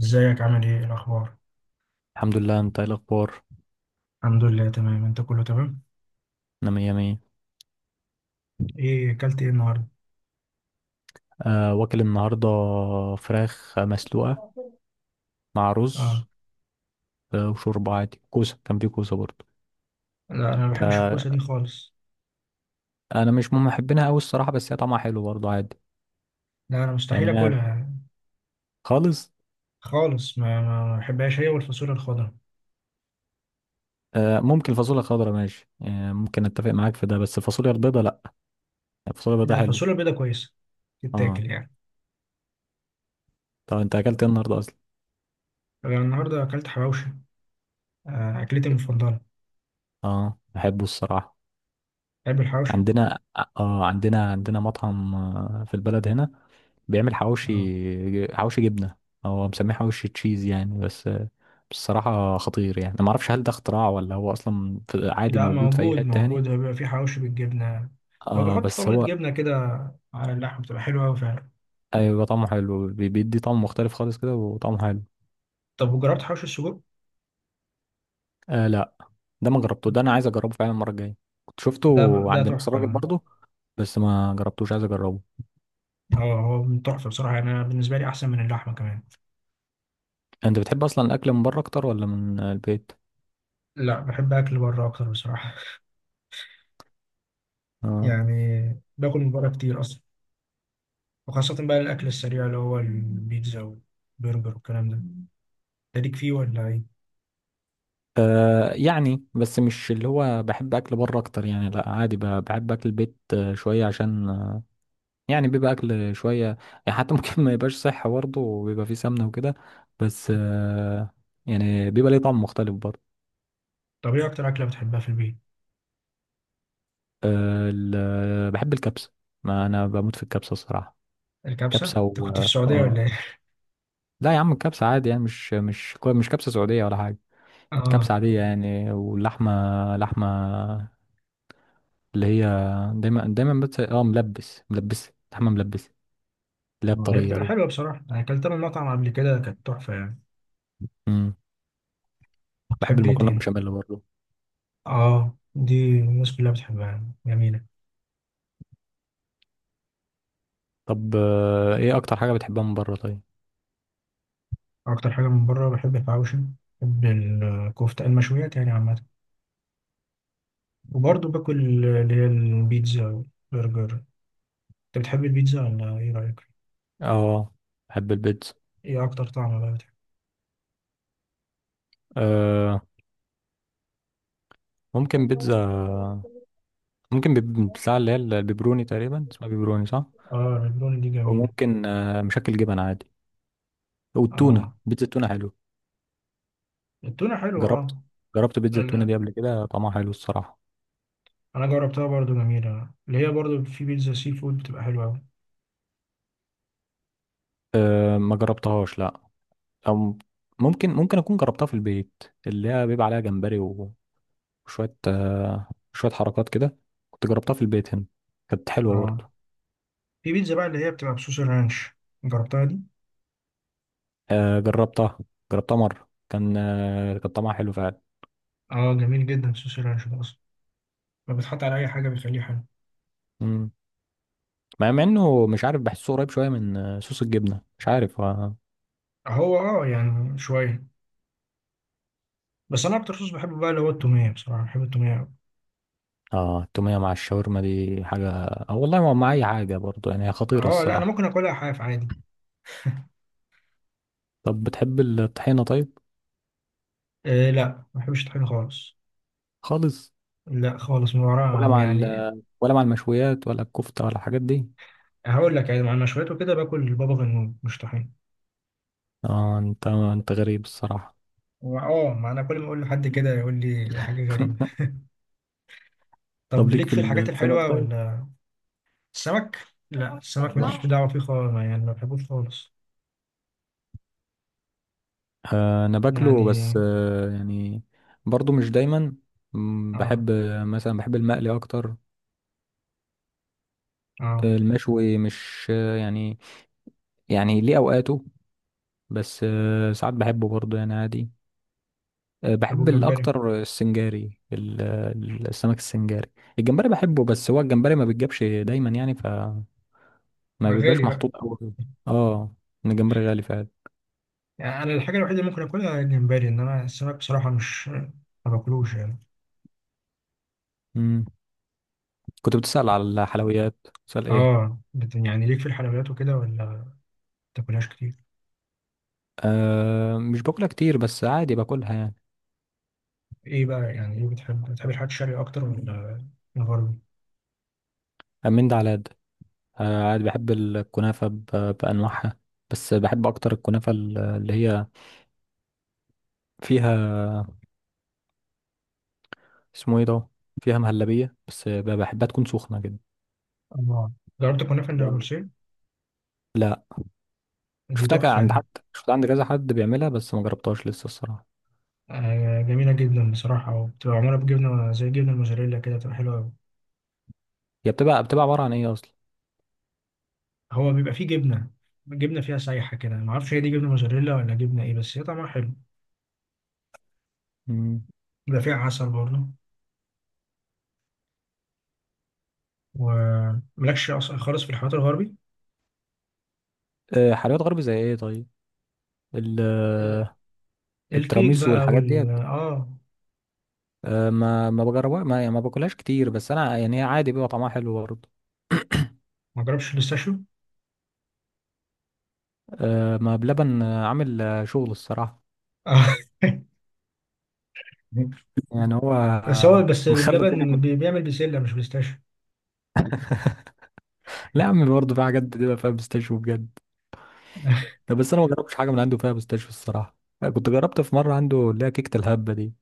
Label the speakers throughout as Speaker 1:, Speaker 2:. Speaker 1: ازيك، عامل ايه؟ إيه الاخبار؟
Speaker 2: الحمد لله، انت ايه الاخبار؟
Speaker 1: الحمد لله تمام. انت كله تمام؟
Speaker 2: انا مية مية.
Speaker 1: ايه اكلت ايه النهارده؟
Speaker 2: أه، واكل النهارده فراخ مسلوقه مع رز،
Speaker 1: اه.
Speaker 2: وشوربه عادي. كان في كوسه برضه.
Speaker 1: لا انا ما بحبش
Speaker 2: أه.
Speaker 1: الكوسه دي خالص.
Speaker 2: انا مش من محبينها قوي الصراحه، بس هي طعمها حلو برضه عادي.
Speaker 1: لا انا مستحيل
Speaker 2: يعني هي
Speaker 1: اكلها
Speaker 2: خالص.
Speaker 1: خالص. ما بحبهاش هي والفاصوليا الخضراء.
Speaker 2: أه، ممكن فاصوليا خضراء ماشي، يعني ممكن اتفق معاك في ده، بس الفاصوليا البيضاء لا. الفاصوليا البيضاء
Speaker 1: لا
Speaker 2: حلو.
Speaker 1: الفاصوليا البيضاء كويسه،
Speaker 2: اه،
Speaker 1: تتاكل يعني.
Speaker 2: طب انت اكلت ايه النهارده اصلا؟
Speaker 1: انا النهارده اكلت حواوشي. آه اكلتي المفضله.
Speaker 2: اه، بحبه الصراحه.
Speaker 1: تحب الحواوشي؟
Speaker 2: عندنا. اه، عندنا مطعم في البلد هنا بيعمل
Speaker 1: اه.
Speaker 2: حواوشي حواوشي جبنة. هو مسميه حواوشي تشيز يعني، بس بصراحة خطير. يعني ما اعرفش هل ده اختراع ولا هو اصلا عادي
Speaker 1: لا
Speaker 2: موجود في اي
Speaker 1: موجود،
Speaker 2: حتة تاني.
Speaker 1: هو بيبقى فيه حواوشي بالجبنه. هو
Speaker 2: اه
Speaker 1: بيحط
Speaker 2: بس
Speaker 1: طبقه
Speaker 2: هو
Speaker 1: جبنه كده على اللحم، بتبقى حلوه قوي فعلا.
Speaker 2: ايوه، طعمه حلو. بيدي طعم مختلف خالص كده، وطعمه حلو.
Speaker 1: طب وجربت حواوشي السجق؟
Speaker 2: آه لا، ده ما جربته. ده انا عايز اجربه فعلا المرة الجاية. كنت
Speaker 1: ده
Speaker 2: شفته
Speaker 1: ده
Speaker 2: عند نفس
Speaker 1: تحفه
Speaker 2: الراجل
Speaker 1: ده.
Speaker 2: برضه، بس ما جربتوش، عايز اجربه.
Speaker 1: هو من تحفة بصراحة، يعني أنا بالنسبة لي أحسن من اللحمة كمان.
Speaker 2: انت بتحب اصلا الاكل من بره اكتر ولا من البيت؟
Speaker 1: لا بحب أكل بره أكتر بصراحة.
Speaker 2: آه.
Speaker 1: يعني باكل من بره كتير أصلا، وخاصة بقى الأكل السريع اللي هو البيتزا والبرجر والكلام ده. أنت ليك فيه ولا إيه؟
Speaker 2: آه، يعني بس مش اللي هو بحب اكل بره اكتر. يعني لا، عادي، بحب اكل البيت شويه، عشان يعني بيبقى اكل شويه. يعني حتى ممكن ما يبقاش صحي برضه وبيبقى فيه سمنه وكده. بس يعني بيبقى ليه طعم مختلف برضه.
Speaker 1: طب إيه أكتر أكلة بتحبها في البيت؟
Speaker 2: آه، بحب الكبسه. ما انا بموت في الكبسه الصراحه.
Speaker 1: الكبسة؟
Speaker 2: كبسه
Speaker 1: أنت
Speaker 2: و،
Speaker 1: كنت في السعودية
Speaker 2: آه،
Speaker 1: ولا إيه؟
Speaker 2: لا يا عم، الكبسه عادي يعني، مش كبسه سعوديه ولا حاجه. كبسه
Speaker 1: آه.
Speaker 2: عاديه يعني، واللحمه، لحمه اللي هي دايما دايما، بس اه، ملبس لحمة ملبس، اللي هي
Speaker 1: ما هي
Speaker 2: الطرية
Speaker 1: بتبقى
Speaker 2: دي.
Speaker 1: حلوة بصراحة، أنا أكلتها من مطعم قبل كده كانت تحفة يعني.
Speaker 2: امم بحب
Speaker 1: بتحب إيه
Speaker 2: المكرونة
Speaker 1: تاني؟
Speaker 2: بشاميل برضه.
Speaker 1: آه دي الناس كلها بتحبها، جميلة.
Speaker 2: طب، ايه اكتر حاجة بتحبها من بره طيب؟
Speaker 1: أكتر حاجة من بره بحب الحواوشي، بحب الكفتة، المشويات يعني عامة، وبرضه باكل اللي هي البيتزا، برجر. انت بتحب البيتزا ولا ايه رأيك؟
Speaker 2: اه، بحب البيتزا.
Speaker 1: ايه اكتر طعم بقى بتحب؟
Speaker 2: آه، ممكن بيتزا، ممكن بتاع اللي هي البيبروني تقريبا، اسمها بيبروني صح؟
Speaker 1: اه الريبروني دي جميلة.
Speaker 2: وممكن مشكل جبن عادي. والتونة،
Speaker 1: اه
Speaker 2: بيتزا التونة حلو.
Speaker 1: التونة حلوة
Speaker 2: جربت
Speaker 1: اه.
Speaker 2: جربت بيتزا التونة
Speaker 1: ال-
Speaker 2: دي قبل كده، طعمها حلو الصراحة.
Speaker 1: انا جربتها برضه، جميلة، اللي هي برضه في بيتزا سي فود بتبقى حلوة اوي.
Speaker 2: آه، ما جربتهاش لا. او ممكن اكون جربتها في البيت، اللي هي بيبقى عليها جمبري وشوية شوية حركات كده. كنت جربتها في البيت هنا، كانت حلوة
Speaker 1: اه
Speaker 2: برضه.
Speaker 1: في بيتزا بقى اللي هي بتبقى بصوص الرانش، جربتها دي؟
Speaker 2: آه، جربتها. جربتها مرة، كان طعمها حلو فعلا.
Speaker 1: اه جميل جدا صوص الرانش ده اصلا، ما بتحط على اي حاجة بيخليه حلو.
Speaker 2: مم. مع انه مش عارف، بحسه قريب شوية من صوص الجبنة، مش عارف. اه.
Speaker 1: هو اه يعني شوية، بس انا اكتر صوص بحبه بقى اللي هو التومية، بصراحة بحب التومية اوي.
Speaker 2: آه، التومية مع الشاورما دي حاجة، والله ما مع أي حاجة برضه، يعني هي خطيرة
Speaker 1: اه لا انا
Speaker 2: الصراحة.
Speaker 1: ممكن اكلها حاف عادي.
Speaker 2: طب بتحب الطحينة طيب؟
Speaker 1: إيه لا، ما بحبش الطحينة خالص.
Speaker 2: خالص.
Speaker 1: لا خالص، من
Speaker 2: ولا
Speaker 1: ورا
Speaker 2: مع ال...
Speaker 1: يعني.
Speaker 2: ولا مع المشويات ولا الكفتة ولا الحاجات دي.
Speaker 1: هقول لك، يعني مع المشويات وكده باكل بابا غنوج مش طحينة.
Speaker 2: اه، انت غريب الصراحة.
Speaker 1: ما انا كل ما اقول لحد كده يقول لي حاجة غريبة.
Speaker 2: طب
Speaker 1: طب
Speaker 2: ليك
Speaker 1: ليك
Speaker 2: في
Speaker 1: في الحاجات
Speaker 2: السمك
Speaker 1: الحلوة
Speaker 2: طيب؟
Speaker 1: ولا؟ السمك؟ لا السمك
Speaker 2: آه.
Speaker 1: ماليش دعوة فيه خالص، يعني ما بحبوش خالص
Speaker 2: آه، انا باكله،
Speaker 1: يعني.
Speaker 2: بس يعني برضو مش دايما.
Speaker 1: اه
Speaker 2: بحب مثلا، بحب المقلي اكتر.
Speaker 1: اه.
Speaker 2: المشوي مش يعني، يعني ليه اوقاته، بس ساعات بحبه برضو يعني عادي.
Speaker 1: طب
Speaker 2: بحب
Speaker 1: والجمبري؟
Speaker 2: الاكتر السنجاري، السمك السنجاري. الجمبري بحبه، بس هو الجمبري ما بيتجابش دايما يعني، فما
Speaker 1: آه،
Speaker 2: بيبقاش
Speaker 1: غالي بقى
Speaker 2: محطوط قوي. اه، إن الجمبري غالي فعلا.
Speaker 1: يعني. انا الحاجه الوحيده اللي ممكن اكلها الجمبري، انما السمك بصراحه مش ما باكلوش يعني.
Speaker 2: مم. كنت بتسأل على الحلويات، بتسأل ايه؟
Speaker 1: اه يعني ليك في الحلويات وكده ولا ما بتاكلهاش كتير؟
Speaker 2: أه، مش باكلها كتير، بس عادي باكلها يعني.
Speaker 1: ايه بقى يعني، ايه بتحب؟ الحاجات الشرقي اكتر ولا الغربي؟
Speaker 2: من ده على ده. آه، عادي بحب الكنافة بأنواعها، بس بحب أكتر الكنافة اللي هي فيها، اسمه ايه ده، فيها مهلبية، بس بحبها تكون سخنة كده.
Speaker 1: الله. جربت الكنافه
Speaker 2: تبقى،
Speaker 1: النابلسية؟
Speaker 2: لا.
Speaker 1: دي
Speaker 2: شفتها
Speaker 1: تحفه
Speaker 2: عند
Speaker 1: دي.
Speaker 2: حد، شفتها عند كذا حد بيعملها، بس ما جربتهاش لسه الصراحة.
Speaker 1: آه جميله جدا بصراحه، وبتبقى معموله بجبنه زي الجبنه الموزاريلا كده، بتبقى حلوه أوي.
Speaker 2: هي بتبقى عبارة عن ايه أصلا؟
Speaker 1: هو بيبقى فيه جبنه، جبنه فيها سايحه كده، ما اعرفش هي دي جبنه موزاريلا ولا جبنه ايه، بس هي طعمها حلو.
Speaker 2: مم.
Speaker 1: بيبقى فيها عسل برضه. وملكش اصلا خالص في الحوارات الغربي؟
Speaker 2: آه، حلويات غرب زي ايه طيب؟ ال-
Speaker 1: آه،
Speaker 2: آه،
Speaker 1: الكيك
Speaker 2: التراميسو
Speaker 1: بقى
Speaker 2: والحاجات
Speaker 1: وال
Speaker 2: ديت.
Speaker 1: اه.
Speaker 2: آه، ما بجربها، ما يعني ما باكلهاش كتير، بس انا يعني هي عادي بيبقى طعمها حلو برضه.
Speaker 1: ما جربش الاستاشيو.
Speaker 2: آه، ما بلبن عامل شغل الصراحة. يعني هو
Speaker 1: بس هو بس
Speaker 2: مخلي الدنيا
Speaker 1: بلبن
Speaker 2: كل.
Speaker 1: بيعمل بسله مش بيستاشيو.
Speaker 2: لا يا عم، برضه في حاجات بتبقى فيها بيستاشيو بجد. لا، بس انا ما جربتش حاجه من عنده فيها بيستاشيو الصراحه. أنا كنت جربت في مره عنده اللي هي كيكه الهبه دي.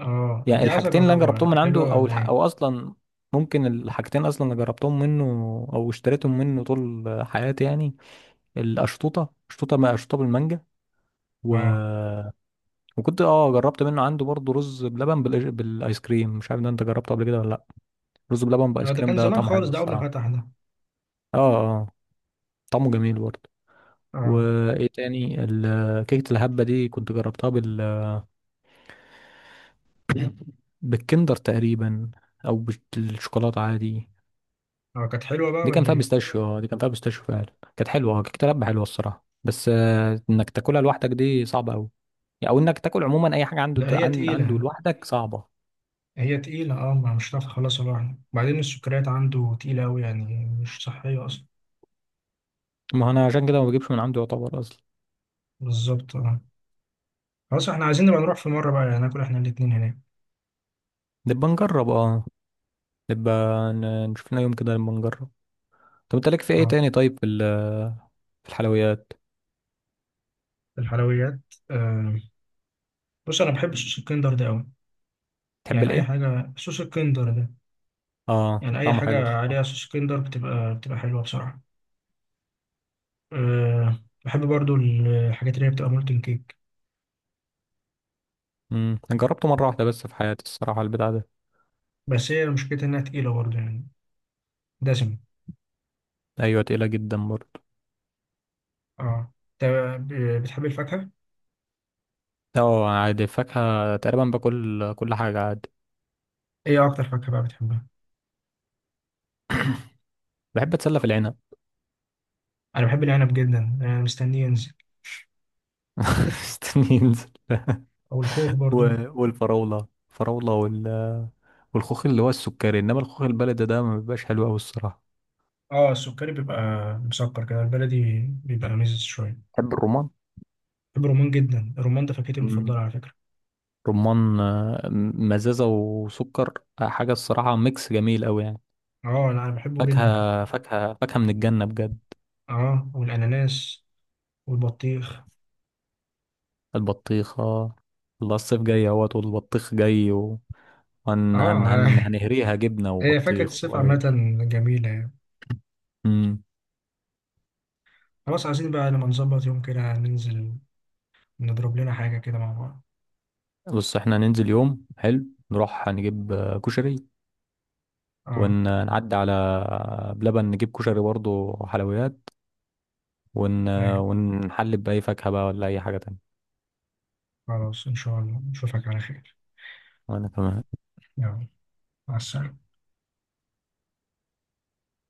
Speaker 1: اه
Speaker 2: يعني
Speaker 1: دي عايز
Speaker 2: الحاجتين اللي انا جربتهم
Speaker 1: اجربها،
Speaker 2: من
Speaker 1: حلوة
Speaker 2: عنده، او
Speaker 1: ولا
Speaker 2: الح،
Speaker 1: ايه؟
Speaker 2: او اصلا ممكن الحاجتين اصلا اللي جربتهم منه او اشتريتهم منه طول حياتي يعني، القشطوطه ما قشطوطه بالمانجا، و...
Speaker 1: اه
Speaker 2: وكنت اه، جربت منه عنده برضه رز بلبن بالايس كريم، مش عارف ده انت جربته قبل كده ولا لا. رز بلبن بايس
Speaker 1: لا، ده
Speaker 2: كريم
Speaker 1: كان
Speaker 2: ده
Speaker 1: زمان
Speaker 2: طعمه
Speaker 1: خالص،
Speaker 2: حلو
Speaker 1: ده اول ما
Speaker 2: الصراحه.
Speaker 1: فتح ده.
Speaker 2: اه. اه، طعمه جميل برضه.
Speaker 1: اه.
Speaker 2: وايه تاني؟ كيكة الهبة دي كنت جربتها بالكندر تقريبا، او بالشوكولاتة عادي.
Speaker 1: اه كانت حلوة بقى
Speaker 2: دي كان
Speaker 1: ولا
Speaker 2: فيها
Speaker 1: ايه؟
Speaker 2: بيستاشيو، اه، دي كان فيها بيستاشيو فعلا، كانت حلوة. اه، كيكة الهبة حلوة الصراحة، بس انك تاكلها لوحدك دي صعبة قوي، او انك تاكل عموما اي حاجة
Speaker 1: لا
Speaker 2: عنده
Speaker 1: هي
Speaker 2: عنده
Speaker 1: تقيلة،
Speaker 2: لوحدك صعبة.
Speaker 1: هي تقيلة اه، ما مش هتعرف تخلصها لوحدك، وبعدين السكريات عنده تقيلة اوي يعني، مش صحية اصلا.
Speaker 2: ما انا عشان كده ما بجيبش من عنده يعتبر اصلا.
Speaker 1: بالظبط اه. خلاص احنا عايزين نبقى نروح في مرة بقى، يعني ناكل احنا الاتنين هناك.
Speaker 2: نبقى نجرب، اه، نبقى، نشوف لنا يوم كده نبقى نجرب. طب انت ليك في ايه
Speaker 1: اه.
Speaker 2: تاني طيب؟ في الحلويات.
Speaker 1: الحلويات. آه. بص انا بحب صوص الكندر ده اوي،
Speaker 2: تحب
Speaker 1: يعني اي
Speaker 2: الايه؟
Speaker 1: حاجة صوص الكندر ده،
Speaker 2: اه،
Speaker 1: يعني اي
Speaker 2: طعمه حلو
Speaker 1: حاجة
Speaker 2: الصراحة.
Speaker 1: عليها صوص كندر بتبقى، بتبقى حلوة بصراحة. أه بحب برضو الحاجات اللي هي بتبقى مولتن كيك.
Speaker 2: أنا جربته مرة واحدة بس في حياتي الصراحة البتاع ده.
Speaker 1: بس هي مشكلتها انها تقيلة برضو يعني، دسمة.
Speaker 2: أيوة، تقيلة جدا برضه.
Speaker 1: اه. انت بتحب الفاكهة؟
Speaker 2: اه، عادي، فاكهة تقريبا باكل كل حاجة عادي.
Speaker 1: ايه اكتر فاكهة بقى بتحبها؟
Speaker 2: بحب أتسلى في العنب.
Speaker 1: انا بحب العنب جدا، انا مستنيه ينزل.
Speaker 2: استني ينزل.
Speaker 1: او الخوخ برضو.
Speaker 2: والفراولة والخوخ اللي هو السكري، إنما الخوخ البلدي ده ما بيبقاش حلو أوي الصراحة.
Speaker 1: اه السكري بيبقى مسكر كده، البلدي بيبقى مزز شوية.
Speaker 2: بحب الرمان.
Speaker 1: بحب الرمان جدا، الرمان ده فاكهتي المفضلة
Speaker 2: امم
Speaker 1: على فكرة.
Speaker 2: رمان، مزازة وسكر، حاجة الصراحة، ميكس جميل أوي يعني.
Speaker 1: اه لا انا بحبه جدا.
Speaker 2: فاكهة فاكهة فاكهة من الجنة بجد.
Speaker 1: اه والاناناس والبطيخ.
Speaker 2: البطيخة. الله، الصيف جاي اهوت، والبطيخ جاي. هن
Speaker 1: اه.
Speaker 2: هن هن هنهريها جبنة
Speaker 1: هي فاكهة
Speaker 2: وبطيخ
Speaker 1: الصيف عامة
Speaker 2: وعيش.
Speaker 1: جميلة يعني.
Speaker 2: امم.
Speaker 1: خلاص عايزين بقى لما نظبط يوم كده ننزل، نضرب لنا حاجة كده مع بعض.
Speaker 2: بص، احنا هننزل يوم حلو، نروح هنجيب كشري،
Speaker 1: اه
Speaker 2: ونعدي على بلبن نجيب كشري برضه وحلويات، ون...
Speaker 1: ايوه.
Speaker 2: ونحلب بأي فاكهة بقى ولا أي حاجة تانية.
Speaker 1: خلاص ان شاء الله نشوفك على خير.
Speaker 2: وأنا تمام.
Speaker 1: يلا، مع السلامة.